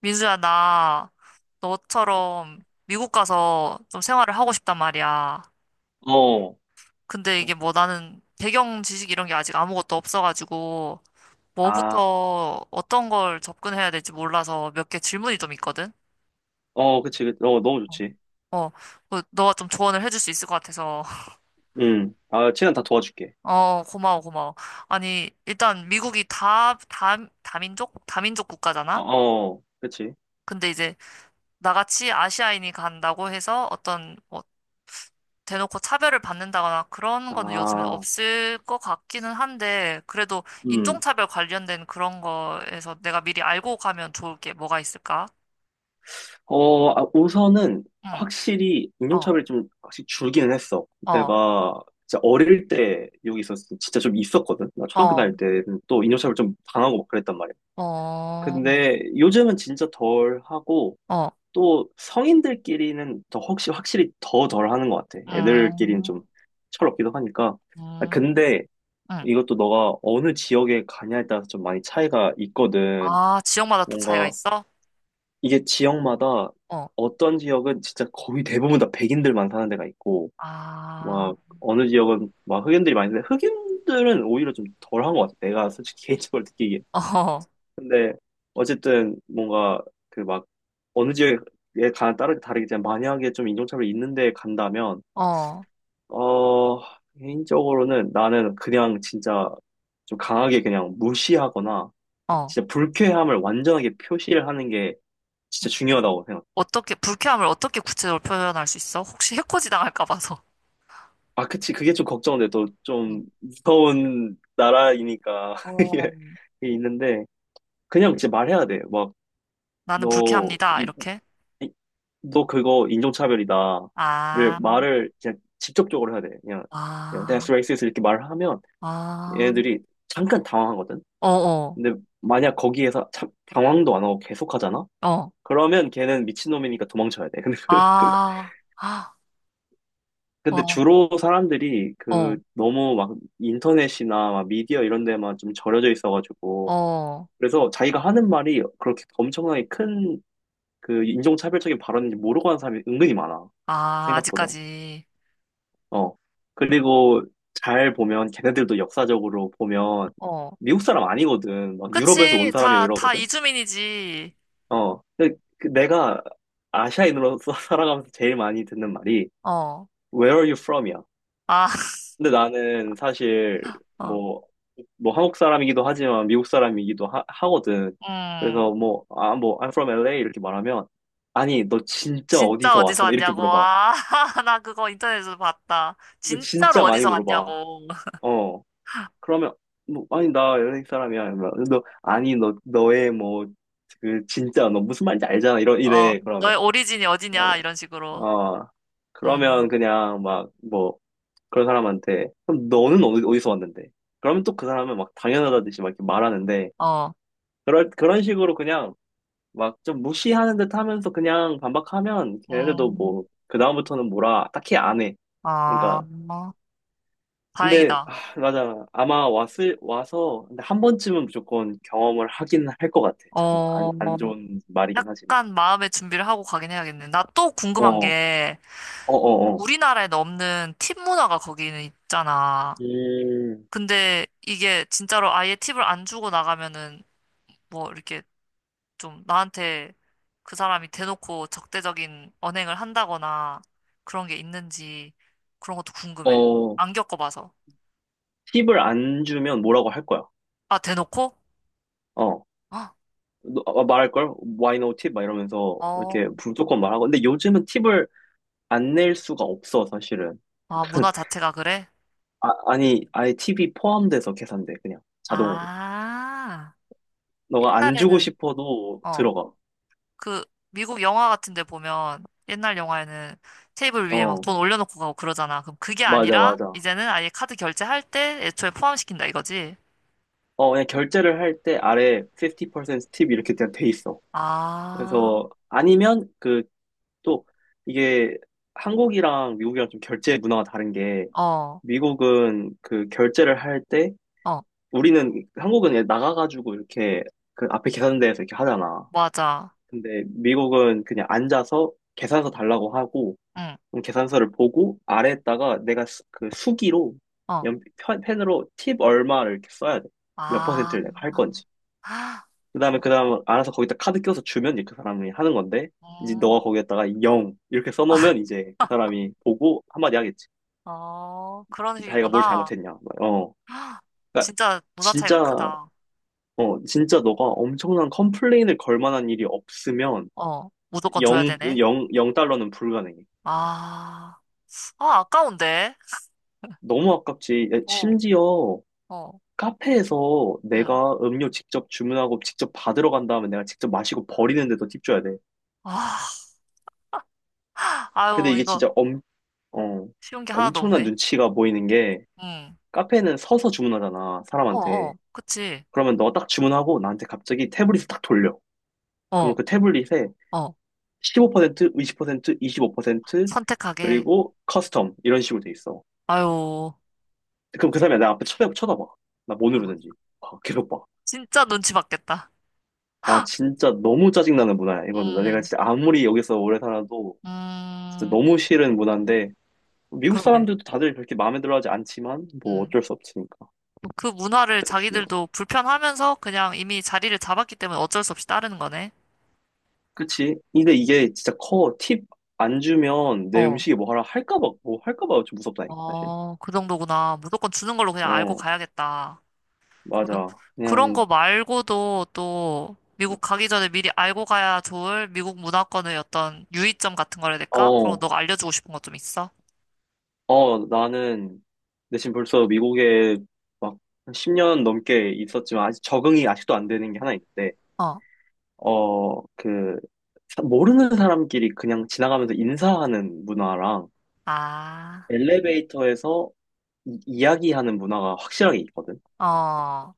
민수야, 나 너처럼 미국 가서 좀 생활을 하고 싶단 말이야. 어, 근데 어. 이게 뭐 나는 배경 지식 이런 게 아직 아무것도 없어가지고 아, 뭐부터 어떤 걸 접근해야 될지 몰라서 몇 개 질문이 좀 있거든? 그치. 너무 좋지. 어, 그 너가 좀 조언을 해줄 수 있을 것 같아서. 시는다 도와줄게. 어, 고마워, 고마워. 아니, 일단 미국이 다민족? 다민족 국가잖아? 그치. 근데 이제 나같이 아시아인이 간다고 해서 어떤 뭐 대놓고 차별을 받는다거나 그런 거는 요즘엔 아, 없을 것 같기는 한데, 그래도 음. 인종차별 관련된 그런 거에서 내가 미리 알고 가면 좋을 게 뭐가 있을까? 우선은 응, 확실히 어, 인종차별이 좀 확실히 줄기는 했어. 어, 내가 진짜 어릴 때 여기 있었을 때 진짜 좀 있었거든. 나 초등학교 어, 다닐 때는 또 인종차별 좀 당하고 막 그랬단 말이야. 어, 근데 요즘은 진짜 덜 하고 어, 또 성인들끼리는 더 혹시 확실히 더 덜 하는 것 같아. 애들끼리는 좀 음, 철없기도 하니까. 아, 음, 근데 응. 이것도 너가 어느 지역에 가냐에 따라서 좀 많이 차이가 있거든. 아, 지역마다 또 차이가 뭔가 있어? 이게 지역마다 어, 어떤 지역은 진짜 거의 대부분 다 백인들만 사는 데가 있고, 아, 막 어느 지역은 막 흑인들이 많이 사는데 흑인들은 오히려 좀 덜한 것 같아. 내가 솔직히 개인적으로 느끼기에. 어, 근데 어쨌든 뭔가 그 막 어느 지역에 가 따르게 다르겠지만 만약에 좀 인종차별이 있는데 간다면, 어, 어, 개인적으로는 나는 그냥 진짜 좀 강하게 그냥 무시하거나 어. 진짜 불쾌함을 완전하게 표시를 하는 게 음. 진짜 중요하다고 생각. 어떻게, 불쾌함을 어떻게 구체적으로 표현할 수 있어? 혹시 해코지 당할까 봐서. 아, 그치. 그게 좀 걱정돼. 또 응. 좀 무서운 나라이니까. 어, 이게 있는데, 그냥 진짜 말해야 돼. 막, 나는 너, 불쾌합니다. 이, 이렇게. 이- 너 그거 인종차별이다. 를 아, 말을 그냥 직접적으로 해야 돼. 그냥, 그냥 아, that's racist 이렇게 말을 하면 아, 얘네들이 잠깐 당황하거든. 어, 어, 근데 만약 거기에서 참, 당황도 안 하고 계속 하잖아? 어, 그러면 걔는 미친놈이니까 도망쳐야 돼. 근데 아, 아, 근데 와, 주로 사람들이 어, 그 너무 막 인터넷이나 막 미디어 이런 데만 좀 절여져 있어가지고 어, 그래서 자기가 하는 말이 그렇게 엄청나게 큰 그 인종차별적인 발언인지 모르고 하는 사람이 은근히 많아. 아, 생각보다. 아직까지, 어. 그리고 잘 보면 걔네들도 역사적으로 보면 어, 미국 사람 아니거든. 막 유럽에서 온 그치, 사람이고 다, 다 이러거든. 이주민이지, 어. 근데 그 내가 아시아인으로서 살아가면서 제일 많이 듣는 말이 어, Where are you from이야. 아, 근데 나는 사실 어, 뭐, 뭐 한국 사람이기도 하지만 미국 사람이기도 하거든. 음, 그래서 I'm from LA 이렇게 말하면, 아니, 너 진짜 진짜 어디서 어디서 왔어? 막 이렇게 왔냐고, 물어봐. 아, 나 그거 인터넷에서 봤다. 너 진짜로 진짜 많이 어디서 물어봐. 왔냐고, 어. 그러면, 아니, 나 LA 사람이야. 이러면 너, 아니, 너의 뭐, 그, 진짜, 너 무슨 말인지 알잖아. 어, 이래. 그러면, 너의 오리진이 그러면, 어디냐, 이런 식으로, 어. 그러면 음, 그냥 막, 뭐, 그런 사람한테 그럼 너는 어디서 왔는데? 그러면 또 그 사람은 막 당연하다듯이 막 이렇게 말하는데 어, 그럴 그런 식으로 그냥 막 좀 무시하는 듯 하면서 그냥 반박하면 걔네들도 음, 뭐 그다음부터는 뭐라 딱히 안 해. 아, 그러니까 뭐, 근데 다행이다. 아, 맞아 아마 왔을 와서 근데 한 번쯤은 무조건 경험을 하긴 할 것 같아. 참 어, 안 좋은 말이긴 하지만. 약간 마음의 준비를 하고 가긴 해야겠네. 나 또 어, 궁금한 어, 게 어, 어. 우리나라에는 없는 팁 문화가 거기는 있잖아. 음, 근데 이게 진짜로 아예 팁을 안 주고 나가면은 뭐 이렇게 좀 나한테 그 사람이 대놓고 적대적인 언행을 한다거나 그런 게 있는지 그런 것도 궁금해. 어, 안 겪어봐서. 팁을 안 주면 뭐라고 할 거야. 아, 대놓고? 어. 어, 말할걸? Why no tip? 막 이러면서 어. 이렇게 무조건 말하고. 근데 요즘은 팁을 안 낼 수가 없어, 사실은. 아, 문화 자체가 그래? 아니, 아예 팁이 포함돼서 계산돼, 그냥. 자동으로. 아, 너가 안 주고 옛날에는, 싶어도 어. 들어가. 그 미국 영화 같은 데 보면 옛날 영화에는 테이블 위에 막 어, 돈 올려놓고 가고 그러잖아. 그럼 그게 맞아, 아니라 맞아. 이제는 아예 카드 결제할 때 애초에 포함시킨다 이거지? 어, 그냥 결제를 할 때 아래 50%팁 이렇게 그냥 돼 있어. 아, 그래서, 아니면 그, 또, 이게 한국이랑 미국이랑 좀 결제 문화가 다른 게, 어, 미국은 그 결제를 어, 우리는 한국은 나가가지고 이렇게 그 앞에 계산대에서 이렇게 하잖아. 맞아. 근데 미국은 그냥 앉아서 계산서 달라고 하고 응, 그럼 계산서를 보고 아래에다가 내가 그 수기로 어, 펜으로 팁 얼마를 이렇게 써야 돼. 몇 아, 퍼센트를 내가 할 건지. 아, 어, 그다음 알아서 거기다 카드 껴서 주면 이제 그 사람이 하는 건데 이제 너가 음. 거기에다가 0 이렇게 써놓으면 이제 그 사람이 보고 한마디 하겠지. 어, 그런 자기가 뭘 식이구나. 잘못했냐. 어. 헉, 그러니까 진짜 문화 차이가 진짜 크다. 어, 진짜 너가 엄청난 컴플레인을 걸 만한 일이 없으면 어, 무조건 0, 줘야 되네. 0, 0달러는 불가능해. 아, 아, 아까운데. 너무 아깝지. 어, 심지어 어, 카페에서 응. 내가 음료 직접 주문하고 직접 받으러 간 다음에 내가 직접 마시고 버리는데도 팁 줘야 돼. 아, 근데 아유, 이게 이거 진짜 어, 쉬운 게 하나도 엄청난 없네. 눈치가 보이는 게 응. 카페는 서서 주문하잖아, 어, 사람한테. 어, 그치. 그러면 너 딱 주문하고 나한테 갑자기 태블릿을 딱 돌려. 그러면 어, 그 태블릿에 어. 15%, 20%, 25%, 선택하게. 그리고 커스텀 이런 식으로 돼 있어. 아유, 그럼 그 사람이 내 앞에 쳐다봐. 나 뭐 누르는지. 아, 계속 봐. 진짜 눈치 받겠다. 아, 진짜 너무 짜증나는 문화야, 이거는. 내가 음, 진짜 아무리 여기서 오래 살아도 진짜 음, 너무 싫은 문화인데, 미국 그러게. 사람들도 다들 그렇게 마음에 들어 하지 않지만, 뭐 음. 어쩔 수 없으니까. 그 문화를 그래서 주는 거지. 자기들도 불편하면서 그냥 이미 자리를 잡았기 때문에 어쩔 수 없이 따르는 거네. 그치? 근데 이게 진짜 커. 팁 안 주면 내 어, 음식이 뭐 하라 할까봐, 뭐 할까봐 좀 무섭다니까, 사실. 어, 그 정도구나. 무조건 주는 걸로 그냥 알고 어, 가야겠다. 그러면 맞아. 그런 그냥, 거 말고도 또 미국 가기 전에 미리 알고 가야 좋을 미국 문화권의 어떤 유의점 같은 거라 해야 될까? 그런 거 어, 너가 알려주고 싶은 거 좀 있어? 나는 근데 지금 벌써 미국에 막 10년 넘게 있었지만 아직 적응이 아직도 안 되는 게 하나 있는데, 어. 어, 그, 모르는 사람끼리 그냥 지나가면서 인사하는 문화랑 아, 엘리베이터에서 야기하는 문화가 확실하게 있거든. 어.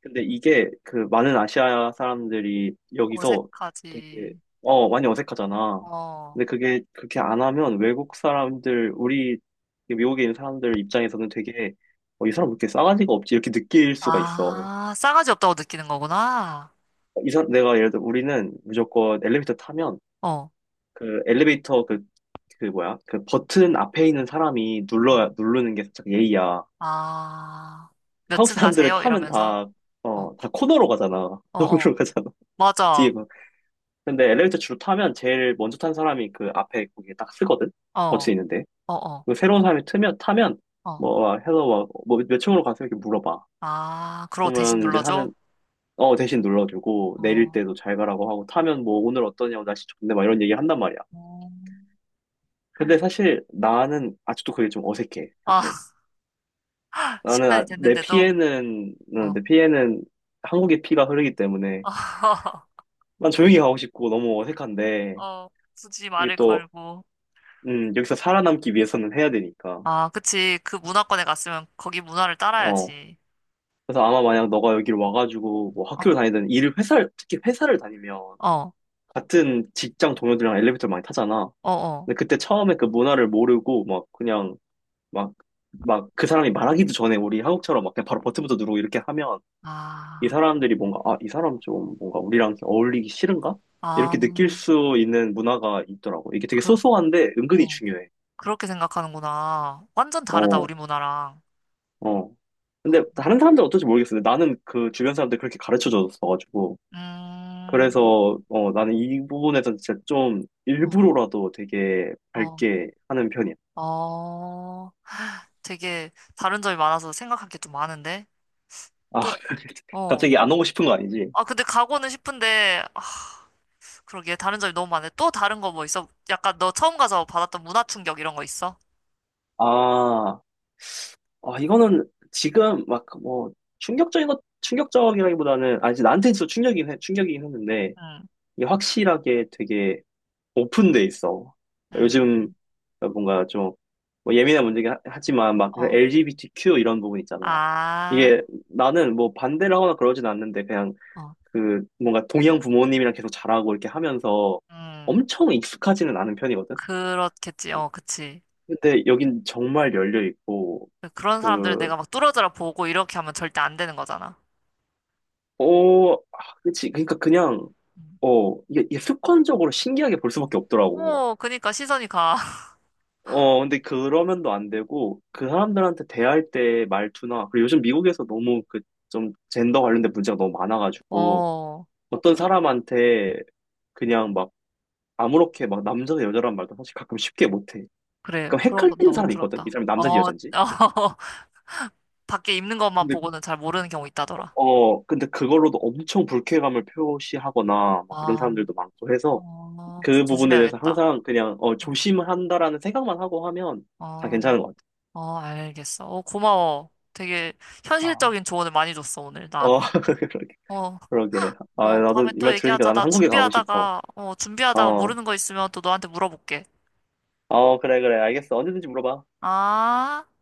근데 이게 그 많은 아시아 사람들이 여기서 되게 어색하지. 많이 어색하잖아. 어. 근데 그게 그렇게 안 하면 외국 사람들 우리 미국에 있는 사람들 입장에서는 되게 어, 이 사람 왜 이렇게 싸가지가 없지 이렇게 느낄 수가 있어. 아, 싸가지 없다고 느끼는 거구나. 이 사람 내가 예를 들어 우리는 무조건 엘리베이터 타면 어. 그 엘리베이터 그 그 뭐야 그 버튼 앞에 있는 사람이 어. 눌러 누르는 게 살짝 예의야. 아, 몇 한국 층 사람들은 가세요? 타면 이러면서. 다 어. 다 코너로 가잖아. 어, 어. 너머로 가잖아. 뒤에 맞아. 근데 엘리베이터 주로 타면 제일 먼저 탄 사람이 그 앞에 거기에 딱 쓰거든? 어. 버튼 있는데. 어, 어. 그 새로운 사람이 타면, 어. 뭐, 아, 해서 몇 층으로 가세요? 이렇게 물어봐. 아, 그러고 대신 그러면 이제 눌러줘? 하는, 어, 대신 눌러주고, 내릴 어. 때도 잘 가라고 하고, 타면 뭐, 오늘 어떠냐고, 날씨 좋네, 막 이런 얘기 한단 말이야. 어. 근데 사실 나는 아직도 그게 좀 어색해, 사실. 아, 10년이 됐는데도, 내 어. 피에는 한국의 피가 흐르기 때문에, 난 조용히 가고 싶고, 너무 어색한데, 어, 굳이 이게 말을 또, 걸고. 여기서 살아남기 위해서는 해야 되니까. 아, 그치. 그 문화권에 갔으면 거기 문화를 어, 따라야지. 그래서 아마 만약 너가 여기를 와가지고 뭐 어, 학교를 다니든 일을 회사를 특히 회사를 다니면 어, 같은 직장 동료들이랑 엘리베이터를 많이 타잖아. 어, 어. 근데 그때 처음에 그 문화를 모르고 막 그냥 막 막 그 사람이 말하기도 전에 우리 한국처럼 막 그냥 바로 버튼부터 누르고 이렇게 하면 이 아, 사람들이 뭔가 아, 이 사람 좀 뭔가 우리랑 어울리기 싫은가? 아, 이렇게 느낄 수 있는 문화가 있더라고. 이게 되게 그, 소소한데 은근히 어, 중요해. 그렇게 생각하는구나. 완전 다르다, 어, 우리 문화랑. 어. 어, 근데 다른 사람들 은 어떨지 모르겠어. 근데 나는 그 주변 사람들 그렇게 가르쳐 줬어가지고. 음, 그래서 어, 나는 이 부분에서 진짜 좀 어, 일부러라도 되게 어, 밝게 하는 편이야. 어. 되게 다른 점이 많아서 생각할 게 좀 많은데? 아, 또, 어. 갑자기 안 오고 싶은 거 아니지? 아, 근데 가고는 싶은데, 아, 그러게 다른 점이 너무 많네. 또 다른 거 뭐 있어? 약간 너 처음 가서 받았던 문화 충격 이런 거 있어? 아, 이거는 지금 막 뭐 충격적이라기보다는, 아니, 나한테 있어 충격이긴 했는데, 응, 이게 확실하게 되게 오픈돼 있어. 요즘 응, 뭔가 좀뭐 예민한 문제긴 하지만 막 어, LGBTQ 이런 부분 있잖아. 아, 이게 나는 뭐 반대를 하거나 그러진 않는데, 그냥 어, 그 뭔가 동양 부모님이랑 계속 자라고 이렇게 하면서 음, 엄청 익숙하지는 않은 편이거든. 그렇겠지. 그- 어, 그치. 근데 여긴 정말 열려 있고 그런 사람들을 그 내가 막 뚫어져라 보고 이렇게 하면 절대 안 되는 거잖아. 어, 아, 그치. 그러니까 그냥 음. 이게 습관적으로 신기하게 볼 수밖에 없더라고. 오, 그니까 시선이 가. 어, 근데 그러면도 안 되고 그 사람들한테 대할 때 말투나 그리고 요즘 미국에서 너무 그 좀 젠더 관련된 문제가 너무 많아가지고 어, 어떤 사람한테 그냥 막 아무렇게 막 남자 여자란 말도 사실 가끔 쉽게 못해. 그래. 그럼 그런 건 헷갈리는 너 사람이 있거든. 이 들었다. 사람이 남자인지 어, 여자인지. 어, 밖에 입는 것만 근데 보고는 잘 모르는 경우 있다더라. 근데 그걸로도 엄청 불쾌감을 표시하거나 막 그런 아, 사람들도 많고 해서 어, 그거 그 부분에 대해서 조심해야겠다. 항상 그냥 어 어. 조심한다라는 생각만 하고 하면 다 어. 괜찮은 것 같아. 어, 알겠어. 어, 고마워. 되게 아, 현실적인 조언을 많이 줬어, 오늘 난. 어 그러게 어, 그러게. 아 어, 나도 다음에 이 또 말 들으니까 얘기하자. 나는 나 한국에 가고 싶어. 준비하다가 어. 모르는 거 있으면 또 너한테 물어볼게. 그래 알겠어. 언제든지 물어봐. 아.